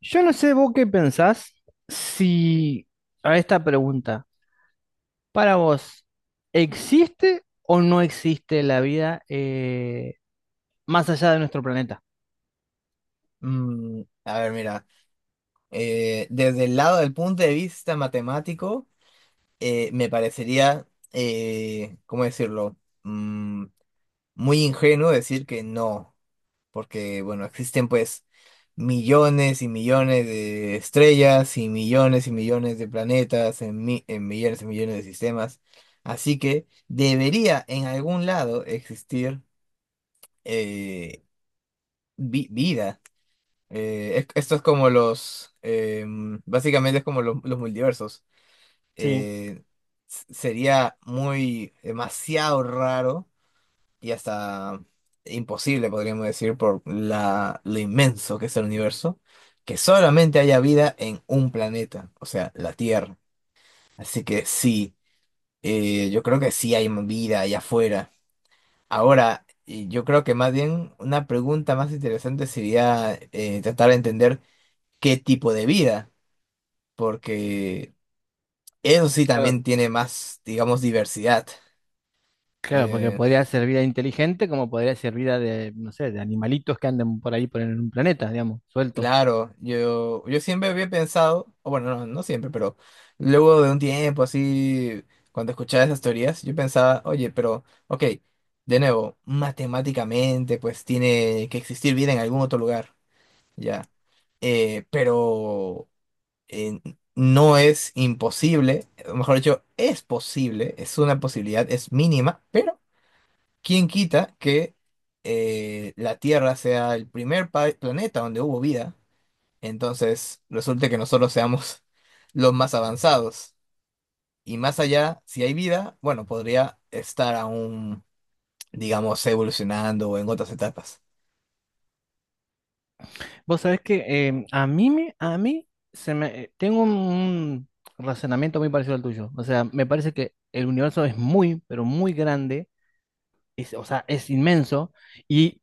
Yo no sé vos qué pensás si a esta pregunta, para vos, ¿existe o no existe la vida más allá de nuestro planeta? A ver, mira, desde el lado del punto de vista matemático, me parecería, ¿cómo decirlo? Mm, muy ingenuo decir que no, porque, bueno, existen pues millones y millones de estrellas y millones de planetas en, en millones y millones de sistemas. Así que debería en algún lado existir eh, vida. Esto es como los, básicamente es como los multiversos. Sí, Eh, Sería demasiado raro y hasta imposible, podríamos decir, por lo inmenso que es el universo, que solamente haya vida en un planeta, o sea, la Tierra. Así que sí, yo creo que sí hay vida allá afuera. Ahora, y yo creo que más bien una pregunta más interesante sería tratar de entender qué tipo de vida, porque eso sí claro, también tiene más, digamos, diversidad. claro, porque Eh, podría ser vida inteligente como podría ser vida de, no sé, de animalitos que anden por ahí por en un planeta, digamos, sueltos. claro, yo siempre había pensado, o bueno, no, no siempre, pero luego de un tiempo así, cuando escuchaba esas teorías, yo pensaba, oye, pero, ok, de nuevo, matemáticamente, pues tiene que existir vida en algún otro lugar, ya. Eh, pero eh, no es imposible, o mejor dicho, es posible, es una posibilidad, es mínima, pero ¿quién quita que la Tierra sea el primer planeta donde hubo vida? Entonces, resulta que nosotros seamos los más avanzados. Y más allá, si hay vida, bueno, podría estar aún, digamos, evolucionando o en otras etapas. Vos sabés que a mí me, a mí se me tengo un razonamiento muy parecido al tuyo. O sea, me parece que el universo es muy, pero muy grande es, o sea, es inmenso. Y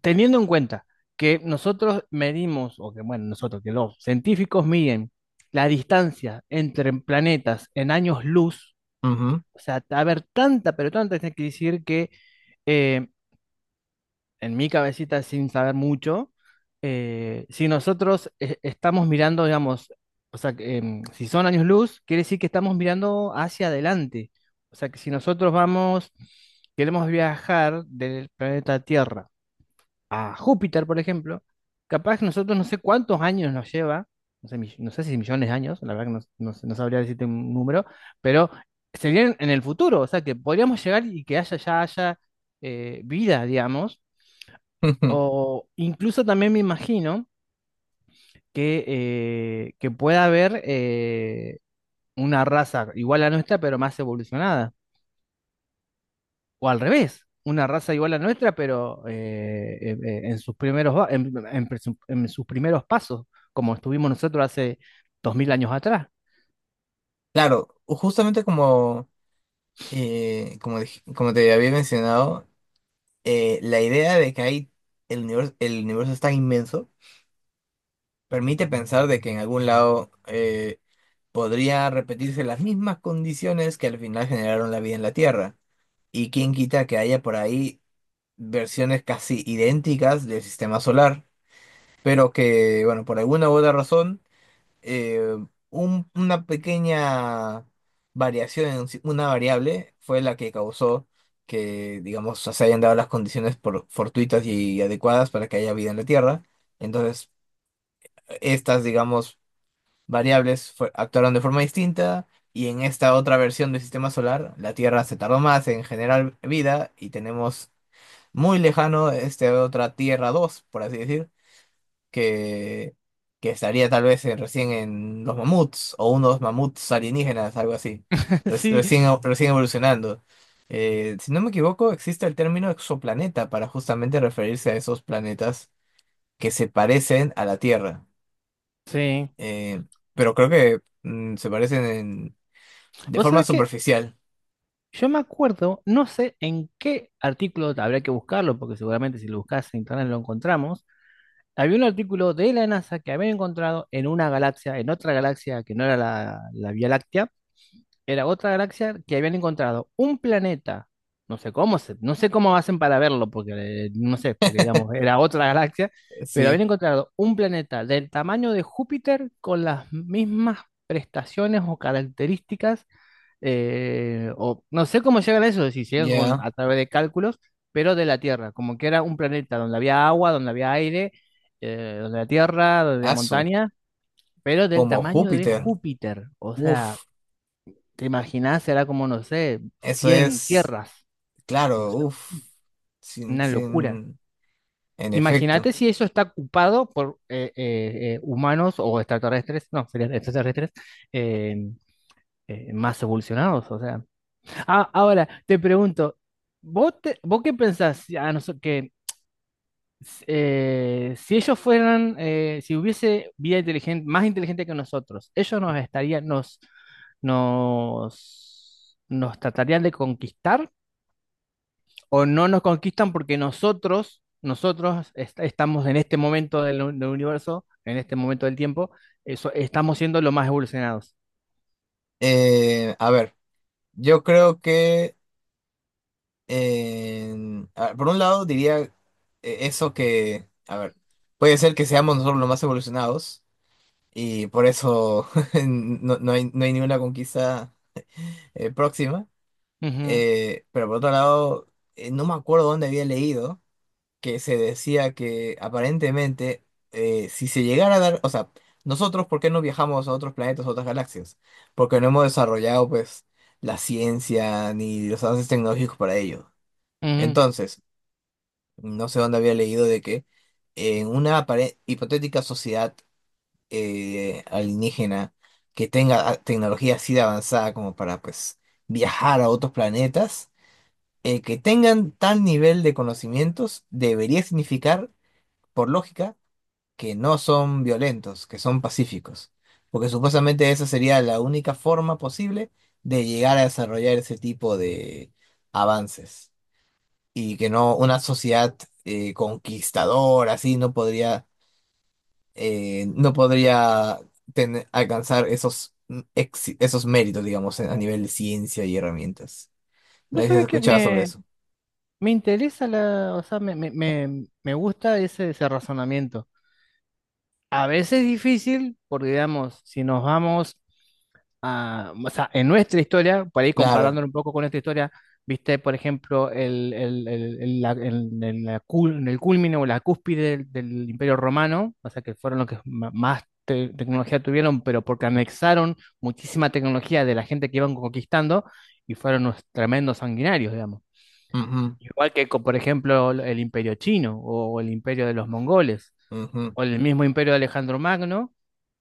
teniendo en cuenta que nosotros medimos, o que bueno, nosotros, que los científicos miden la distancia entre planetas en años luz. Ujú. O sea, a ver, tanta, pero tanta, tiene que decir que eh, en mi cabecita sin saber mucho, si nosotros estamos mirando, digamos, o sea, que, si son años luz, quiere decir que estamos mirando hacia adelante. O sea, que si nosotros vamos, queremos viajar del planeta Tierra a Júpiter, por ejemplo, capaz que nosotros no sé cuántos años nos lleva, no sé, no sé si millones de años, la verdad que no, no sabría decirte un número, pero serían en el futuro, o sea, que podríamos llegar y que haya, ya haya vida, digamos. O incluso también me imagino que pueda haber una raza igual a nuestra, pero más evolucionada. O al revés, una raza igual a nuestra, pero en sus primeros, en, en sus primeros pasos, como estuvimos nosotros hace 2000 años atrás. Claro, justamente como te había mencionado, la idea de que hay el universo es tan inmenso permite pensar de que en algún lado podría repetirse las mismas condiciones que al final generaron la vida en la Tierra. Y quién quita que haya por ahí versiones casi idénticas del sistema solar, pero que, bueno, por alguna u otra razón, eh, una pequeña variación, en si- una variable, fue la que causó digamos, se hayan dado las condiciones por fortuitas y adecuadas para que haya vida en la Tierra. Entonces, estas, digamos, variables actuaron de forma distinta y en esta otra versión del sistema solar la Tierra se tardó más en generar vida y tenemos muy lejano este otra Tierra 2 por así decir, que, que estaría tal vez recién en los mamuts o unos mamuts alienígenas, algo así. Sí, Recién evolucionando. Si no me equivoco, existe el término exoplaneta para justamente referirse a esos planetas que se parecen a la Tierra. sí. Eh, pero creo que se parecen de Vos forma sabés que superficial. yo me acuerdo, no sé en qué artículo habría que buscarlo, porque seguramente si lo buscas en internet lo encontramos. Había un artículo de la NASA que habían encontrado en una galaxia, en otra galaxia que no era la Vía Láctea, era otra galaxia que habían encontrado un planeta, no sé cómo se, no sé cómo hacen para verlo, porque no sé, porque digamos, era otra galaxia, pero habían Sí, encontrado un planeta del tamaño de Júpiter con las mismas prestaciones o características, o no sé cómo llegan a eso, si llegan con, ya. a través de cálculos, pero de la Tierra, como que era un planeta donde había agua, donde había aire, donde la Tierra, donde la Asu, montaña, pero del como tamaño de Júpiter. Júpiter. O sea, Uf, te imaginás, era como, no sé, eso 100 es, tierras, no claro, sé, uf. Sin, una locura. sin, en efecto. Imagínate si eso está ocupado por humanos o extraterrestres, no, serían extraterrestres eh, más evolucionados, o sea. Ah, ahora, te pregunto, ¿vos, vos qué pensás si a que si ellos fueran, si hubiese vida inteligente, más inteligente que nosotros, ellos nos estarían, nos, nos, nos tratarían de conquistar o no nos conquistan porque nosotros, estamos en este momento del universo, en este momento del tiempo, eso, estamos siendo los más evolucionados. A ver, yo creo que, a ver, por un lado diría eso que, a ver, puede ser que seamos nosotros los más evolucionados y por eso no hay, no hay ninguna conquista próxima. Ujú, Pero por otro lado, no me acuerdo dónde había leído que se decía que aparentemente si se llegara a dar, o sea, nosotros, ¿por qué no viajamos a otros planetas, a otras galaxias? Porque no hemos desarrollado pues la ciencia ni los avances tecnológicos para ello. ujú. Entonces, no sé dónde había leído de que en una hipotética sociedad alienígena que tenga ah, tecnología así de avanzada como para pues viajar a otros planetas, el que tengan tal nivel de conocimientos debería significar, por lógica, que no son violentos, que son pacíficos, porque supuestamente esa sería la única forma posible de llegar a desarrollar ese tipo de avances y que no una sociedad conquistadora así no podría eh, no podría alcanzar esos esos méritos, digamos, a nivel de ciencia y herramientas. No ¿Vos sé si has sabés que escuchado sobre me, eso. Me interesa la, o sea, me, me gusta ese, ese razonamiento. A veces es difícil, porque digamos, si nos vamos a, o sea, en nuestra historia, por ahí Claro. comparándolo un poco con nuestra historia, viste, por ejemplo, el- la cul- en el culmine o la cúspide del Imperio Romano, o sea, que fueron los que más tecnología tuvieron, pero porque anexaron muchísima tecnología de la gente que iban conquistando y fueron unos tremendos sanguinarios, igual que, por ejemplo, el imperio chino o el imperio de los mongoles Ujú, ujú. o el mismo imperio de Alejandro Magno,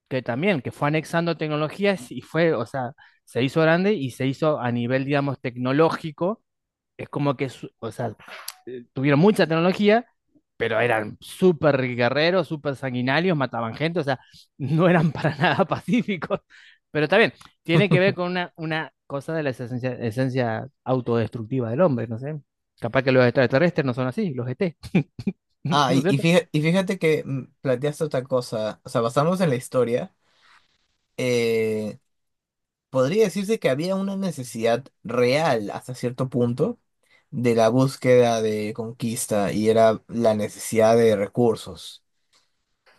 que también, que fue anexando tecnologías y fue, o sea, se hizo grande y se hizo a nivel, digamos, tecnológico. Es como que, o sea, tuvieron mucha tecnología, pero eran súper guerreros, súper sanguinarios, mataban gente, o sea, no eran para nada pacíficos. Pero también tiene que ver con una cosa de la esencia, esencia autodestructiva del hombre, no sé. Capaz que los extraterrestres no son así, los ET Ah, ¿no es cierto? Y fíjate que planteaste otra cosa, o sea, basándonos en la historia, eh, podría decirse que había una necesidad real hasta cierto punto de la búsqueda de conquista y era la necesidad de recursos.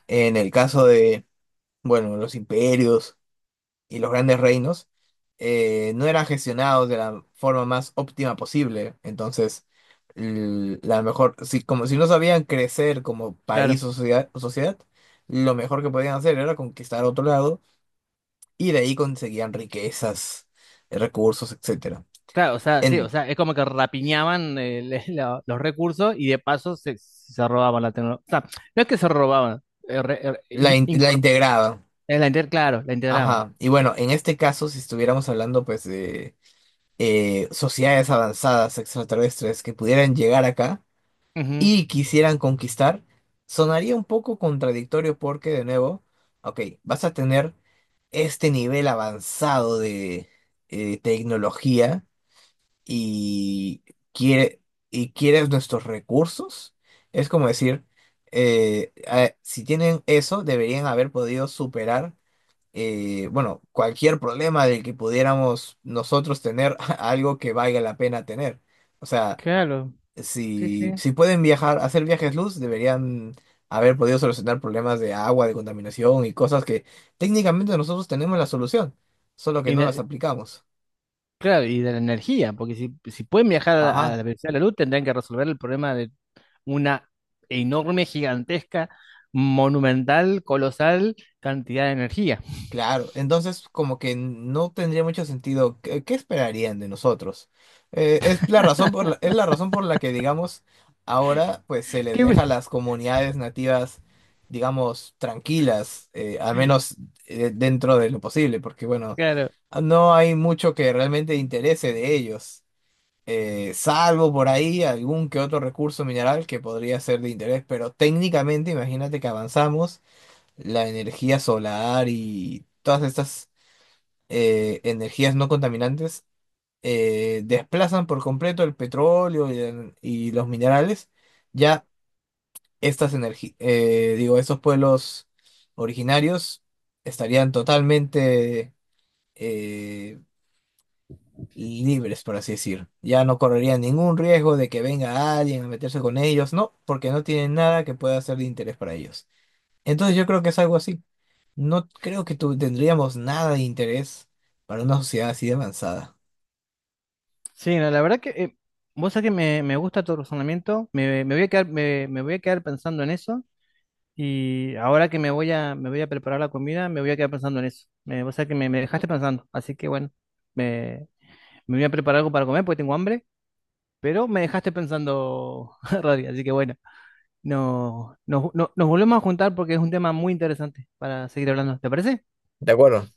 En el caso de, bueno, los imperios y los grandes reinos no eran gestionados de la forma más óptima posible. Entonces, l- la mejor, si, como si no sabían crecer como país Claro. O sociedad, lo mejor que podían hacer era conquistar otro lado y de ahí conseguían riquezas, recursos, etcétera. Claro, o sea, sí, o En, sea, es como que rapiñaban los recursos y de paso se, se robaban la tecnología. O sea, no es que se robaban, eh, re- eh, in- la incor- integraban. Claro, la integraban. Ajá. Y bueno, en este caso, si estuviéramos hablando pues de sociedades avanzadas extraterrestres que pudieran llegar acá, Ujú, y quisieran conquistar, sonaría un poco contradictorio porque, de nuevo, ok, vas a tener este nivel avanzado de tecnología y, quiere, y quieres nuestros recursos. Es como decir, si tienen eso, deberían haber podido superar, bueno, cualquier problema del que pudiéramos nosotros tener algo que valga la pena tener. O sea, claro. Sí, sí. si pueden viajar, hacer viajes luz, deberían haber podido solucionar problemas de agua, de contaminación y cosas que técnicamente nosotros tenemos la solución, solo que Y no las aplicamos. claro, y de la energía, porque si, si pueden viajar a Ajá. la velocidad de la luz, tendrían que resolver el problema de una enorme, gigantesca, monumental, colosal cantidad de energía. Claro, entonces como que no tendría mucho sentido. ¿Qué, qué esperarían de nosotros? Es la razón por la que, digamos, ahora pues se les Qué bu- deja a las comunidades nativas, digamos, tranquilas, al menos dentro de lo posible, porque bueno, claro. no hay mucho que realmente interese de ellos, salvo por ahí algún que otro recurso mineral que podría ser de interés, pero técnicamente imagínate que avanzamos la energía solar y todas estas energías no contaminantes desplazan por completo el petróleo y los minerales, ya estas energías, digo, estos pueblos originarios estarían totalmente eh, libres, por así decir. Ya no correrían ningún riesgo de que venga alguien a meterse con ellos, no, porque no tienen nada que pueda ser de interés para ellos. Entonces yo creo que es algo así. No creo que tendríamos nada de interés para una sociedad así de avanzada. Sí, no, la verdad que vos sabés que me gusta tu razonamiento, me voy a quedar, me voy a quedar pensando en eso, y ahora que me voy a preparar la comida, me voy a quedar pensando en eso. Me, vos sabés que me dejaste pensando, así que bueno, me, me voy a preparar algo para comer porque tengo hambre. Pero me dejaste pensando, Rodri, así que bueno, no, nos, nos volvemos a juntar porque es un tema muy interesante para seguir hablando. ¿Te parece? De acuerdo.